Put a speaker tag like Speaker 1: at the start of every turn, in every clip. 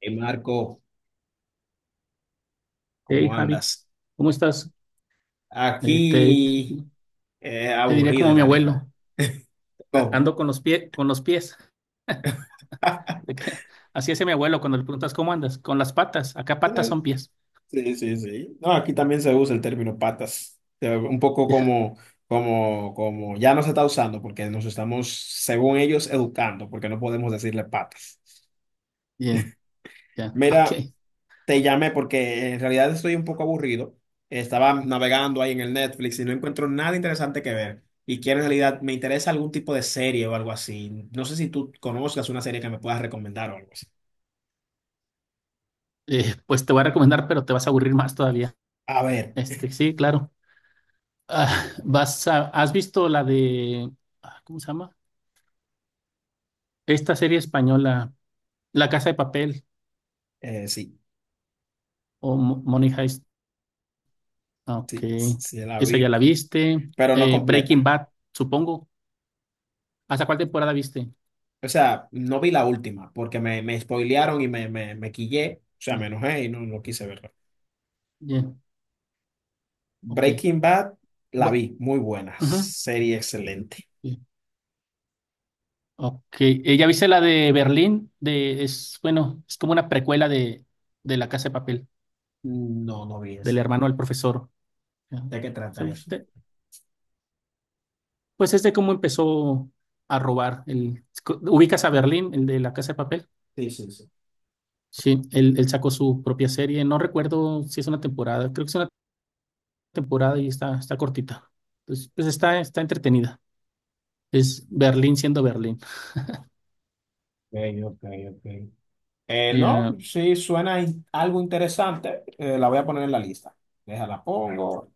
Speaker 1: Y Marco,
Speaker 2: Hey
Speaker 1: ¿cómo
Speaker 2: Javi,
Speaker 1: andas?
Speaker 2: ¿cómo estás? Eh, te,
Speaker 1: Aquí
Speaker 2: te diría
Speaker 1: aburrido
Speaker 2: como
Speaker 1: en
Speaker 2: mi
Speaker 1: realidad.
Speaker 2: abuelo,
Speaker 1: ¿Cómo?
Speaker 2: ando con los pies, con los pies. Así es mi abuelo cuando le preguntas cómo andas, con las patas, acá patas son pies.
Speaker 1: Sí, sí, sí. No, aquí también se usa el término patas. Un poco
Speaker 2: Ya,
Speaker 1: como, como ya no se está usando porque nos estamos, según ellos, educando porque no podemos decirle patas.
Speaker 2: bien, ya, ok.
Speaker 1: Mira, te llamé porque en realidad estoy un poco aburrido. Estaba navegando ahí en el Netflix y no encuentro nada interesante que ver. Y quiero en realidad me interesa algún tipo de serie o algo así. No sé si tú conozcas una serie que me puedas recomendar o algo así.
Speaker 2: Pues te voy a recomendar, pero te vas a aburrir más todavía.
Speaker 1: A ver,
Speaker 2: Este, sí, claro. Ah, ¿has visto la de, ah, ¿cómo se llama? Esta serie española, La Casa de Papel
Speaker 1: sí,
Speaker 2: o Money Heist. Ah, ok,
Speaker 1: sí, sí la
Speaker 2: esa ya
Speaker 1: vi,
Speaker 2: la viste.
Speaker 1: pero no
Speaker 2: Breaking
Speaker 1: completa.
Speaker 2: Bad, supongo. ¿Hasta cuál temporada viste?
Speaker 1: O sea, no vi la última porque me spoilearon y me quillé. O sea, me
Speaker 2: Bien,
Speaker 1: enojé y no, no quise verla.
Speaker 2: bien, ok.
Speaker 1: Breaking Bad la
Speaker 2: Bu-
Speaker 1: vi, muy buena,
Speaker 2: ajá,
Speaker 1: serie excelente.
Speaker 2: bien, ok. ¿ya viste la de Berlín? De, es, bueno, es como una precuela de La Casa de Papel,
Speaker 1: No, no vi
Speaker 2: del
Speaker 1: esa.
Speaker 2: hermano del profesor. Ajá.
Speaker 1: ¿De qué
Speaker 2: Se-
Speaker 1: trata eso?
Speaker 2: te- Pues es de cómo empezó a robar. El, ¿ubicas a Berlín, el de La Casa de Papel?
Speaker 1: Sí, sí, sí.
Speaker 2: Sí, él sacó su propia serie. No recuerdo si es una temporada. Creo que es una temporada y está cortita. Entonces, pues está entretenida. Es Berlín siendo Berlín.
Speaker 1: Ok, ok, ok. No,
Speaker 2: Ya,
Speaker 1: sí, suena algo interesante. La voy a poner en la lista. Déjala, pongo.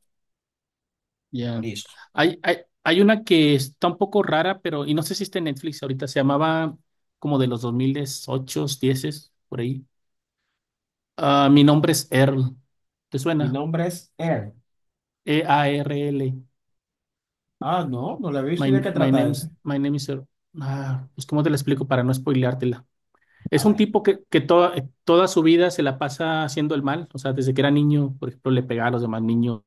Speaker 2: ya.
Speaker 1: Listo.
Speaker 2: Hay, hay, hay una que está un poco rara, pero, y no sé si está en Netflix ahorita, se llamaba como de los 2008, 10, por ahí. Ah, mi nombre es Earl. ¿Te
Speaker 1: Mi
Speaker 2: suena?
Speaker 1: nombre es Er.
Speaker 2: E-A-R-L.
Speaker 1: Ah, no, no la he visto.
Speaker 2: My,
Speaker 1: ¿Y de qué
Speaker 2: my
Speaker 1: trata ese?
Speaker 2: name's, my name is Earl. Ah, pues, ¿cómo te la explico para no spoileártela?
Speaker 1: A
Speaker 2: Es un
Speaker 1: ver.
Speaker 2: tipo que toda su vida se la pasa haciendo el mal. O sea, desde que era niño, por ejemplo, le pegaba a los demás niños.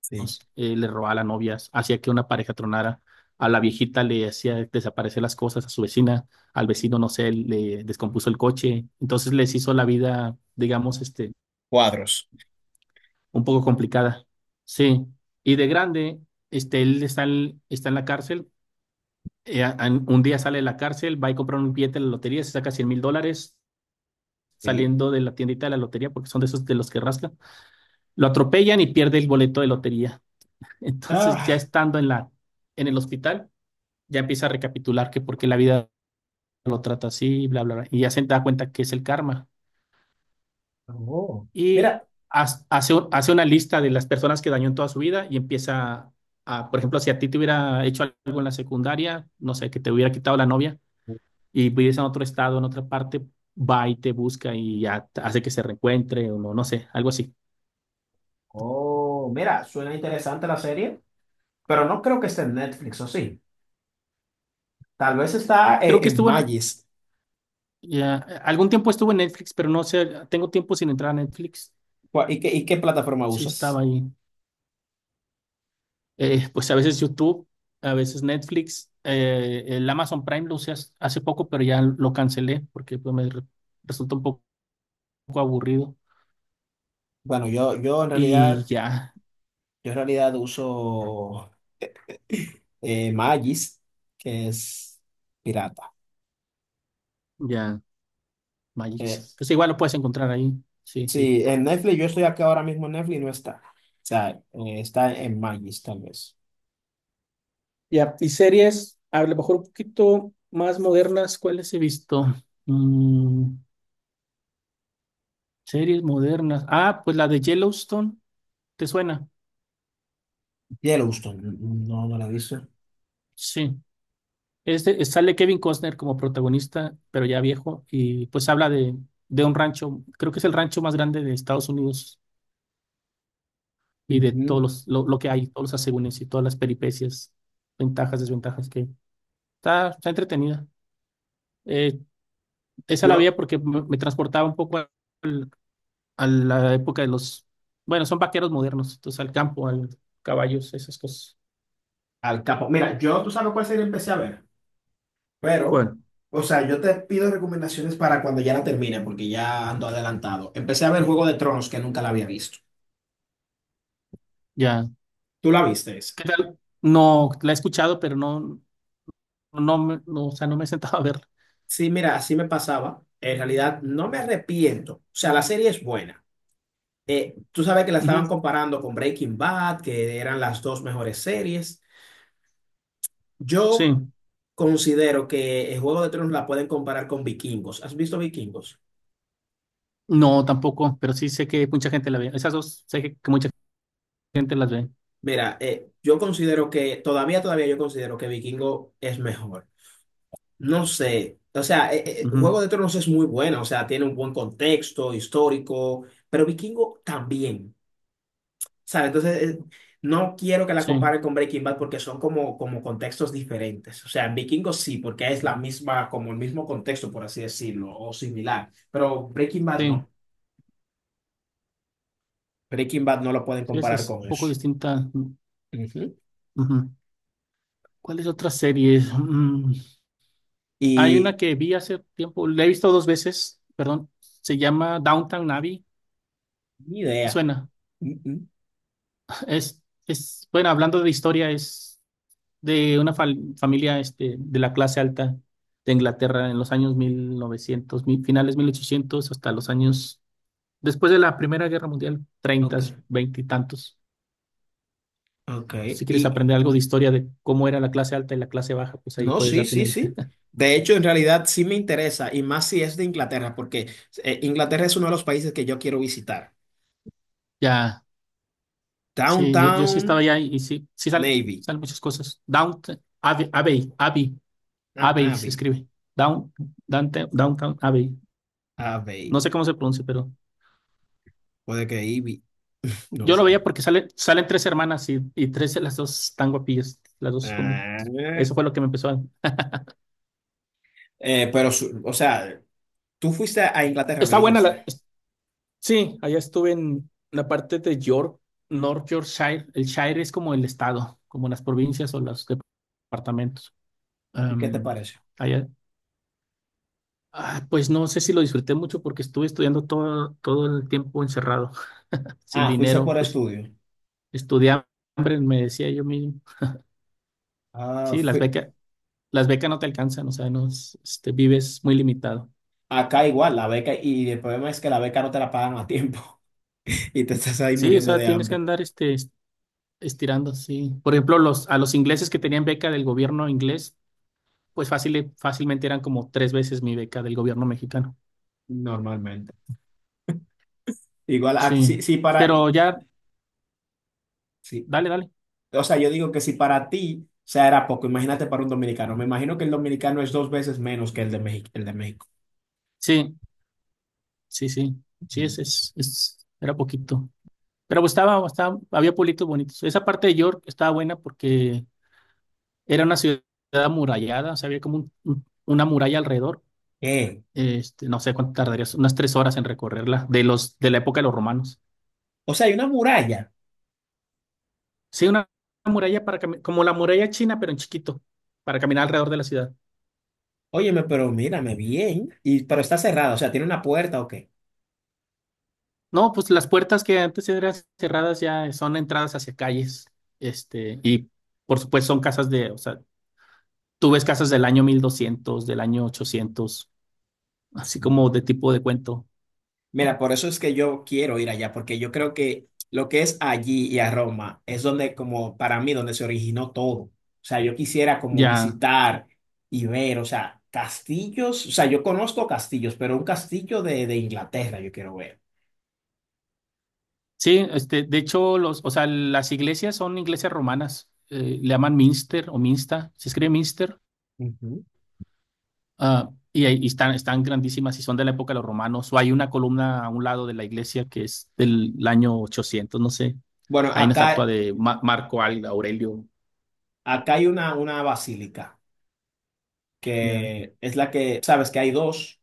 Speaker 1: Sí.
Speaker 2: Eh, le robaba a las novias, hacía que una pareja tronara, a la viejita le hacía desaparecer las cosas, a su vecina, al vecino, no sé, le descompuso el coche, entonces les hizo la vida, digamos, este,
Speaker 1: Cuadros.
Speaker 2: un poco complicada. Sí, y de grande, este, él está en la cárcel, un día sale de la cárcel, va y compra un billete de la lotería, se saca 100 mil dólares.
Speaker 1: Sí.
Speaker 2: Saliendo de la tiendita de la lotería, porque son de esos de los que rascan, lo atropellan y pierde el boleto de lotería. Entonces, ya
Speaker 1: Ah,
Speaker 2: estando en en el hospital, ya empieza a recapitular que por qué la vida lo trata así, bla, bla, bla, y ya se da cuenta que es el karma.
Speaker 1: oh.
Speaker 2: Y
Speaker 1: Mira.
Speaker 2: hace, hace una lista de las personas que dañó en toda su vida y empieza a, por ejemplo, si a ti te hubiera hecho algo en la secundaria, no sé, que te hubiera quitado la novia y vives en otro estado, en otra parte, va y te busca y ya hace que se reencuentre o no, no sé, algo así.
Speaker 1: Oh, mira, suena interesante la serie, pero no creo que esté en Netflix, ¿o sí? Tal vez está
Speaker 2: Creo que
Speaker 1: en
Speaker 2: estuvo en,
Speaker 1: Magis.
Speaker 2: ya, algún tiempo estuvo en Netflix, pero no sé, tengo tiempo sin entrar a Netflix.
Speaker 1: Y qué plataforma
Speaker 2: Sí estaba
Speaker 1: usas?
Speaker 2: ahí. Eh, pues a veces YouTube, a veces Netflix, el Amazon Prime lo usé hace poco, pero ya lo cancelé porque pues, resultó un poco aburrido.
Speaker 1: Bueno,
Speaker 2: Y ya,
Speaker 1: yo en realidad uso. Magis, que es pirata.
Speaker 2: ya,
Speaker 1: Eh,
Speaker 2: Magix. Pues igual lo puedes encontrar ahí. Sí, sí.
Speaker 1: sí, en Netflix, yo estoy acá ahora mismo en Netflix y no está. O sea, está en Magis, tal vez.
Speaker 2: Ya, y series, a lo mejor un poquito más modernas, ¿cuáles he visto? Mm, series modernas. Ah, pues la de Yellowstone, ¿te suena?
Speaker 1: Yellowstone, no, no la he visto.
Speaker 2: Sí. Este, sale Kevin Costner como protagonista, pero ya viejo, y pues habla de un rancho, creo que es el rancho más grande de Estados Unidos y de todos
Speaker 1: Ujú.
Speaker 2: lo que hay, todos los asegúnes y todas las peripecias, ventajas, desventajas que está entretenida. Eh, esa la veía
Speaker 1: Yo,
Speaker 2: porque me transportaba un poco al- a la época de los, bueno, son vaqueros modernos, entonces al campo, al caballos, esas cosas.
Speaker 1: al capo. Mira, yo, tú sabes cuál serie empecé a ver, pero,
Speaker 2: ¿Cuál?
Speaker 1: o sea, yo te pido recomendaciones para cuando ya la termine, porque ya ando adelantado. Empecé a ver Juego de Tronos, que nunca la había visto.
Speaker 2: Ya,
Speaker 1: ¿Tú la viste esa?
Speaker 2: ¿qué tal? No, la he escuchado, pero no, me- no, o sea, no me he sentado a verla.
Speaker 1: Sí, mira, así me pasaba. En realidad, no me arrepiento. O sea, la serie es buena. Tú sabes que la estaban comparando con Breaking Bad, que eran las dos mejores series. Yo
Speaker 2: Sí,
Speaker 1: considero que el Juego de Tronos la pueden comparar con Vikingos. ¿Has visto Vikingos?
Speaker 2: no, tampoco, pero sí sé que mucha gente la ve. Esas dos sé que mucha gente las ve.
Speaker 1: Mira, yo considero que todavía yo considero que Vikingo es mejor. No sé, o sea, Juego
Speaker 2: Ujú,
Speaker 1: de Tronos es muy buena, o sea, tiene un buen contexto histórico, pero Vikingo también. ¿Sabes? Entonces, no quiero que la
Speaker 2: sí,
Speaker 1: comparen con Breaking Bad porque son como contextos diferentes. O sea, en Vikingos sí, porque es la misma, como el mismo contexto, por así decirlo, o similar. Pero Breaking Bad
Speaker 2: sí,
Speaker 1: no. Breaking Bad no lo pueden
Speaker 2: sí, esa
Speaker 1: comparar
Speaker 2: es un
Speaker 1: con
Speaker 2: poco
Speaker 1: eso.
Speaker 2: distinta.
Speaker 1: Ujú.
Speaker 2: Ujú. ¿Cuáles otras series? Mm, hay
Speaker 1: Y
Speaker 2: una que vi hace tiempo, la he visto dos veces, perdón, se llama Downtown Abbey.
Speaker 1: ni idea.
Speaker 2: Suena,
Speaker 1: Mm, mm.
Speaker 2: es, bueno, hablando de historia, es de una familia este, de la clase alta de Inglaterra en los años 1900, mil- novecientos, mi- finales 1800, hasta los años. Después de la Primera Guerra Mundial,
Speaker 1: Ok,
Speaker 2: treintas, veinte y tantos.
Speaker 1: ok.
Speaker 2: Si quieres
Speaker 1: Y
Speaker 2: aprender algo de historia de cómo era la clase alta y la clase baja, pues ahí
Speaker 1: no,
Speaker 2: puedes
Speaker 1: sí,
Speaker 2: darte una
Speaker 1: sí,
Speaker 2: idea.
Speaker 1: sí. De hecho, en realidad sí me interesa, y más si es de Inglaterra, porque Inglaterra es uno de los países que yo quiero visitar.
Speaker 2: Ya, sí, yo sí estaba
Speaker 1: Downtown
Speaker 2: allá y sí,
Speaker 1: Navy.
Speaker 2: salen muchas cosas. Downtown Abbey, Abbey, Abbey,
Speaker 1: Ah,
Speaker 2: Abbey se
Speaker 1: Abbey.
Speaker 2: escribe. Down, Downtown Abbey.
Speaker 1: Abbey.
Speaker 2: No sé cómo se pronuncia, pero
Speaker 1: Puede que Ivy, no
Speaker 2: yo lo
Speaker 1: sé.
Speaker 2: veía porque salen tres hermanas y tres de las dos están guapillas. Las dos como...
Speaker 1: Ah,
Speaker 2: Eso fue lo que me empezó a...
Speaker 1: pero, o sea, tú fuiste a Inglaterra, me
Speaker 2: Está buena
Speaker 1: dijiste.
Speaker 2: la... Sí, allá estuve en la parte de York, North Yorkshire. El Shire es como el estado, como las provincias o los departamentos.
Speaker 1: ¿Y qué te
Speaker 2: Am,
Speaker 1: parece?
Speaker 2: allá, ah, pues no sé si lo disfruté mucho porque estuve estudiando todo el tiempo encerrado, sin
Speaker 1: Ah, fuiste
Speaker 2: dinero,
Speaker 1: por
Speaker 2: pues
Speaker 1: estudio.
Speaker 2: estudié hambre, me decía yo mismo.
Speaker 1: Ah,
Speaker 2: Sí,
Speaker 1: fui-
Speaker 2: las becas no te alcanzan, o sea, no, este, vives muy limitado.
Speaker 1: Acá igual, la beca, y el problema es que la beca no te la pagan a tiempo y te estás ahí
Speaker 2: Sí, o
Speaker 1: muriendo
Speaker 2: sea,
Speaker 1: de
Speaker 2: tienes que
Speaker 1: hambre.
Speaker 2: andar este, estirando, sí. Por ejemplo, los, a los ingleses que tenían beca del gobierno inglés pues fácilmente eran como tres veces mi beca del gobierno mexicano.
Speaker 1: Normalmente. Igual, ah,
Speaker 2: Sí,
Speaker 1: sí, sí, para,
Speaker 2: pero ya,
Speaker 1: sí.
Speaker 2: dale, dale.
Speaker 1: O sea, yo digo que si para ti, o sea, era poco, imagínate para un dominicano. Me imagino que el dominicano es dos veces menos que el de México, el de México.
Speaker 2: Sí, sí, sí, sí, es,
Speaker 1: Ujú.
Speaker 2: es, es- era poquito. Pero pues había pueblitos bonitos. Esa parte de York estaba buena porque era una ciudad amurallada, o sea, había como una muralla alrededor.
Speaker 1: ¿Qué?
Speaker 2: Este, no sé cuánto tardarías, unas tres horas en recorrerla, de de la época de los romanos.
Speaker 1: O sea, hay una muralla.
Speaker 2: Sí, una muralla para como la muralla china, pero en chiquito, para caminar alrededor de la ciudad.
Speaker 1: Óyeme, pero mírame bien. Y, pero está cerrada, o sea, ¿tiene una puerta o qué?
Speaker 2: No, pues las puertas que antes eran cerradas ya son entradas hacia calles, este, y por supuesto son casas de, o sea, tú ves casas del año 1200 del año 800 así como de tipo de cuento.
Speaker 1: Mira, por eso es que yo quiero ir allá, porque yo creo que lo que es allí y a Roma es donde, como para mí, donde se originó todo. O sea, yo quisiera como
Speaker 2: Ya,
Speaker 1: visitar y ver, o sea, castillos, o sea, yo conozco castillos, pero un castillo de Inglaterra yo quiero ver.
Speaker 2: sí, este, de hecho, los, o sea, las iglesias son iglesias romanas, le llaman Minster o Minsta, se escribe Minster,
Speaker 1: Ujú.
Speaker 2: ah, y, están, están grandísimas y son de la época de los romanos, o hay una columna a un lado de la iglesia que es del año 800 no sé.
Speaker 1: Bueno,
Speaker 2: Hay una estatua
Speaker 1: acá,
Speaker 2: de Marco Aurelio.
Speaker 1: acá hay una basílica,
Speaker 2: Ya.
Speaker 1: que es la que, sabes que hay dos.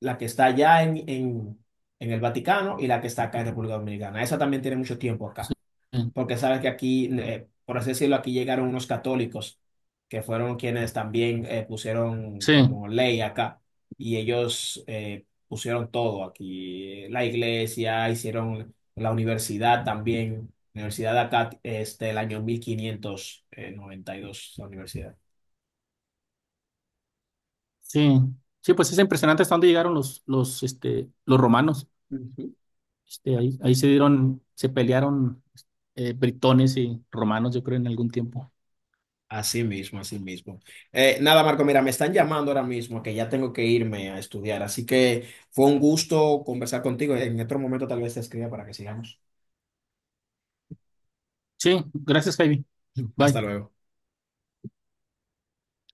Speaker 1: La que está allá en, en el Vaticano y la que está acá en República Dominicana. Esa también tiene mucho tiempo
Speaker 2: Sí,
Speaker 1: acá, porque sabes que aquí, por así decirlo, aquí llegaron unos católicos que fueron quienes también pusieron
Speaker 2: sí,
Speaker 1: como ley acá y ellos pusieron todo aquí, la iglesia, hicieron la universidad también. La universidad de acá, este, el año 1592 la universidad.
Speaker 2: sí. Sí, pues es impresionante hasta dónde llegaron este, los romanos.
Speaker 1: Ujú.
Speaker 2: Este, ahí se pelearon britones y romanos, yo creo, en algún tiempo.
Speaker 1: Así mismo, así mismo. Nada, Marco, mira, me están llamando ahora mismo que ya tengo que irme a estudiar, así que fue un gusto conversar contigo. En otro momento tal vez te escriba para que sigamos.
Speaker 2: Sí, gracias, Javi.
Speaker 1: Hasta
Speaker 2: Bye.
Speaker 1: luego.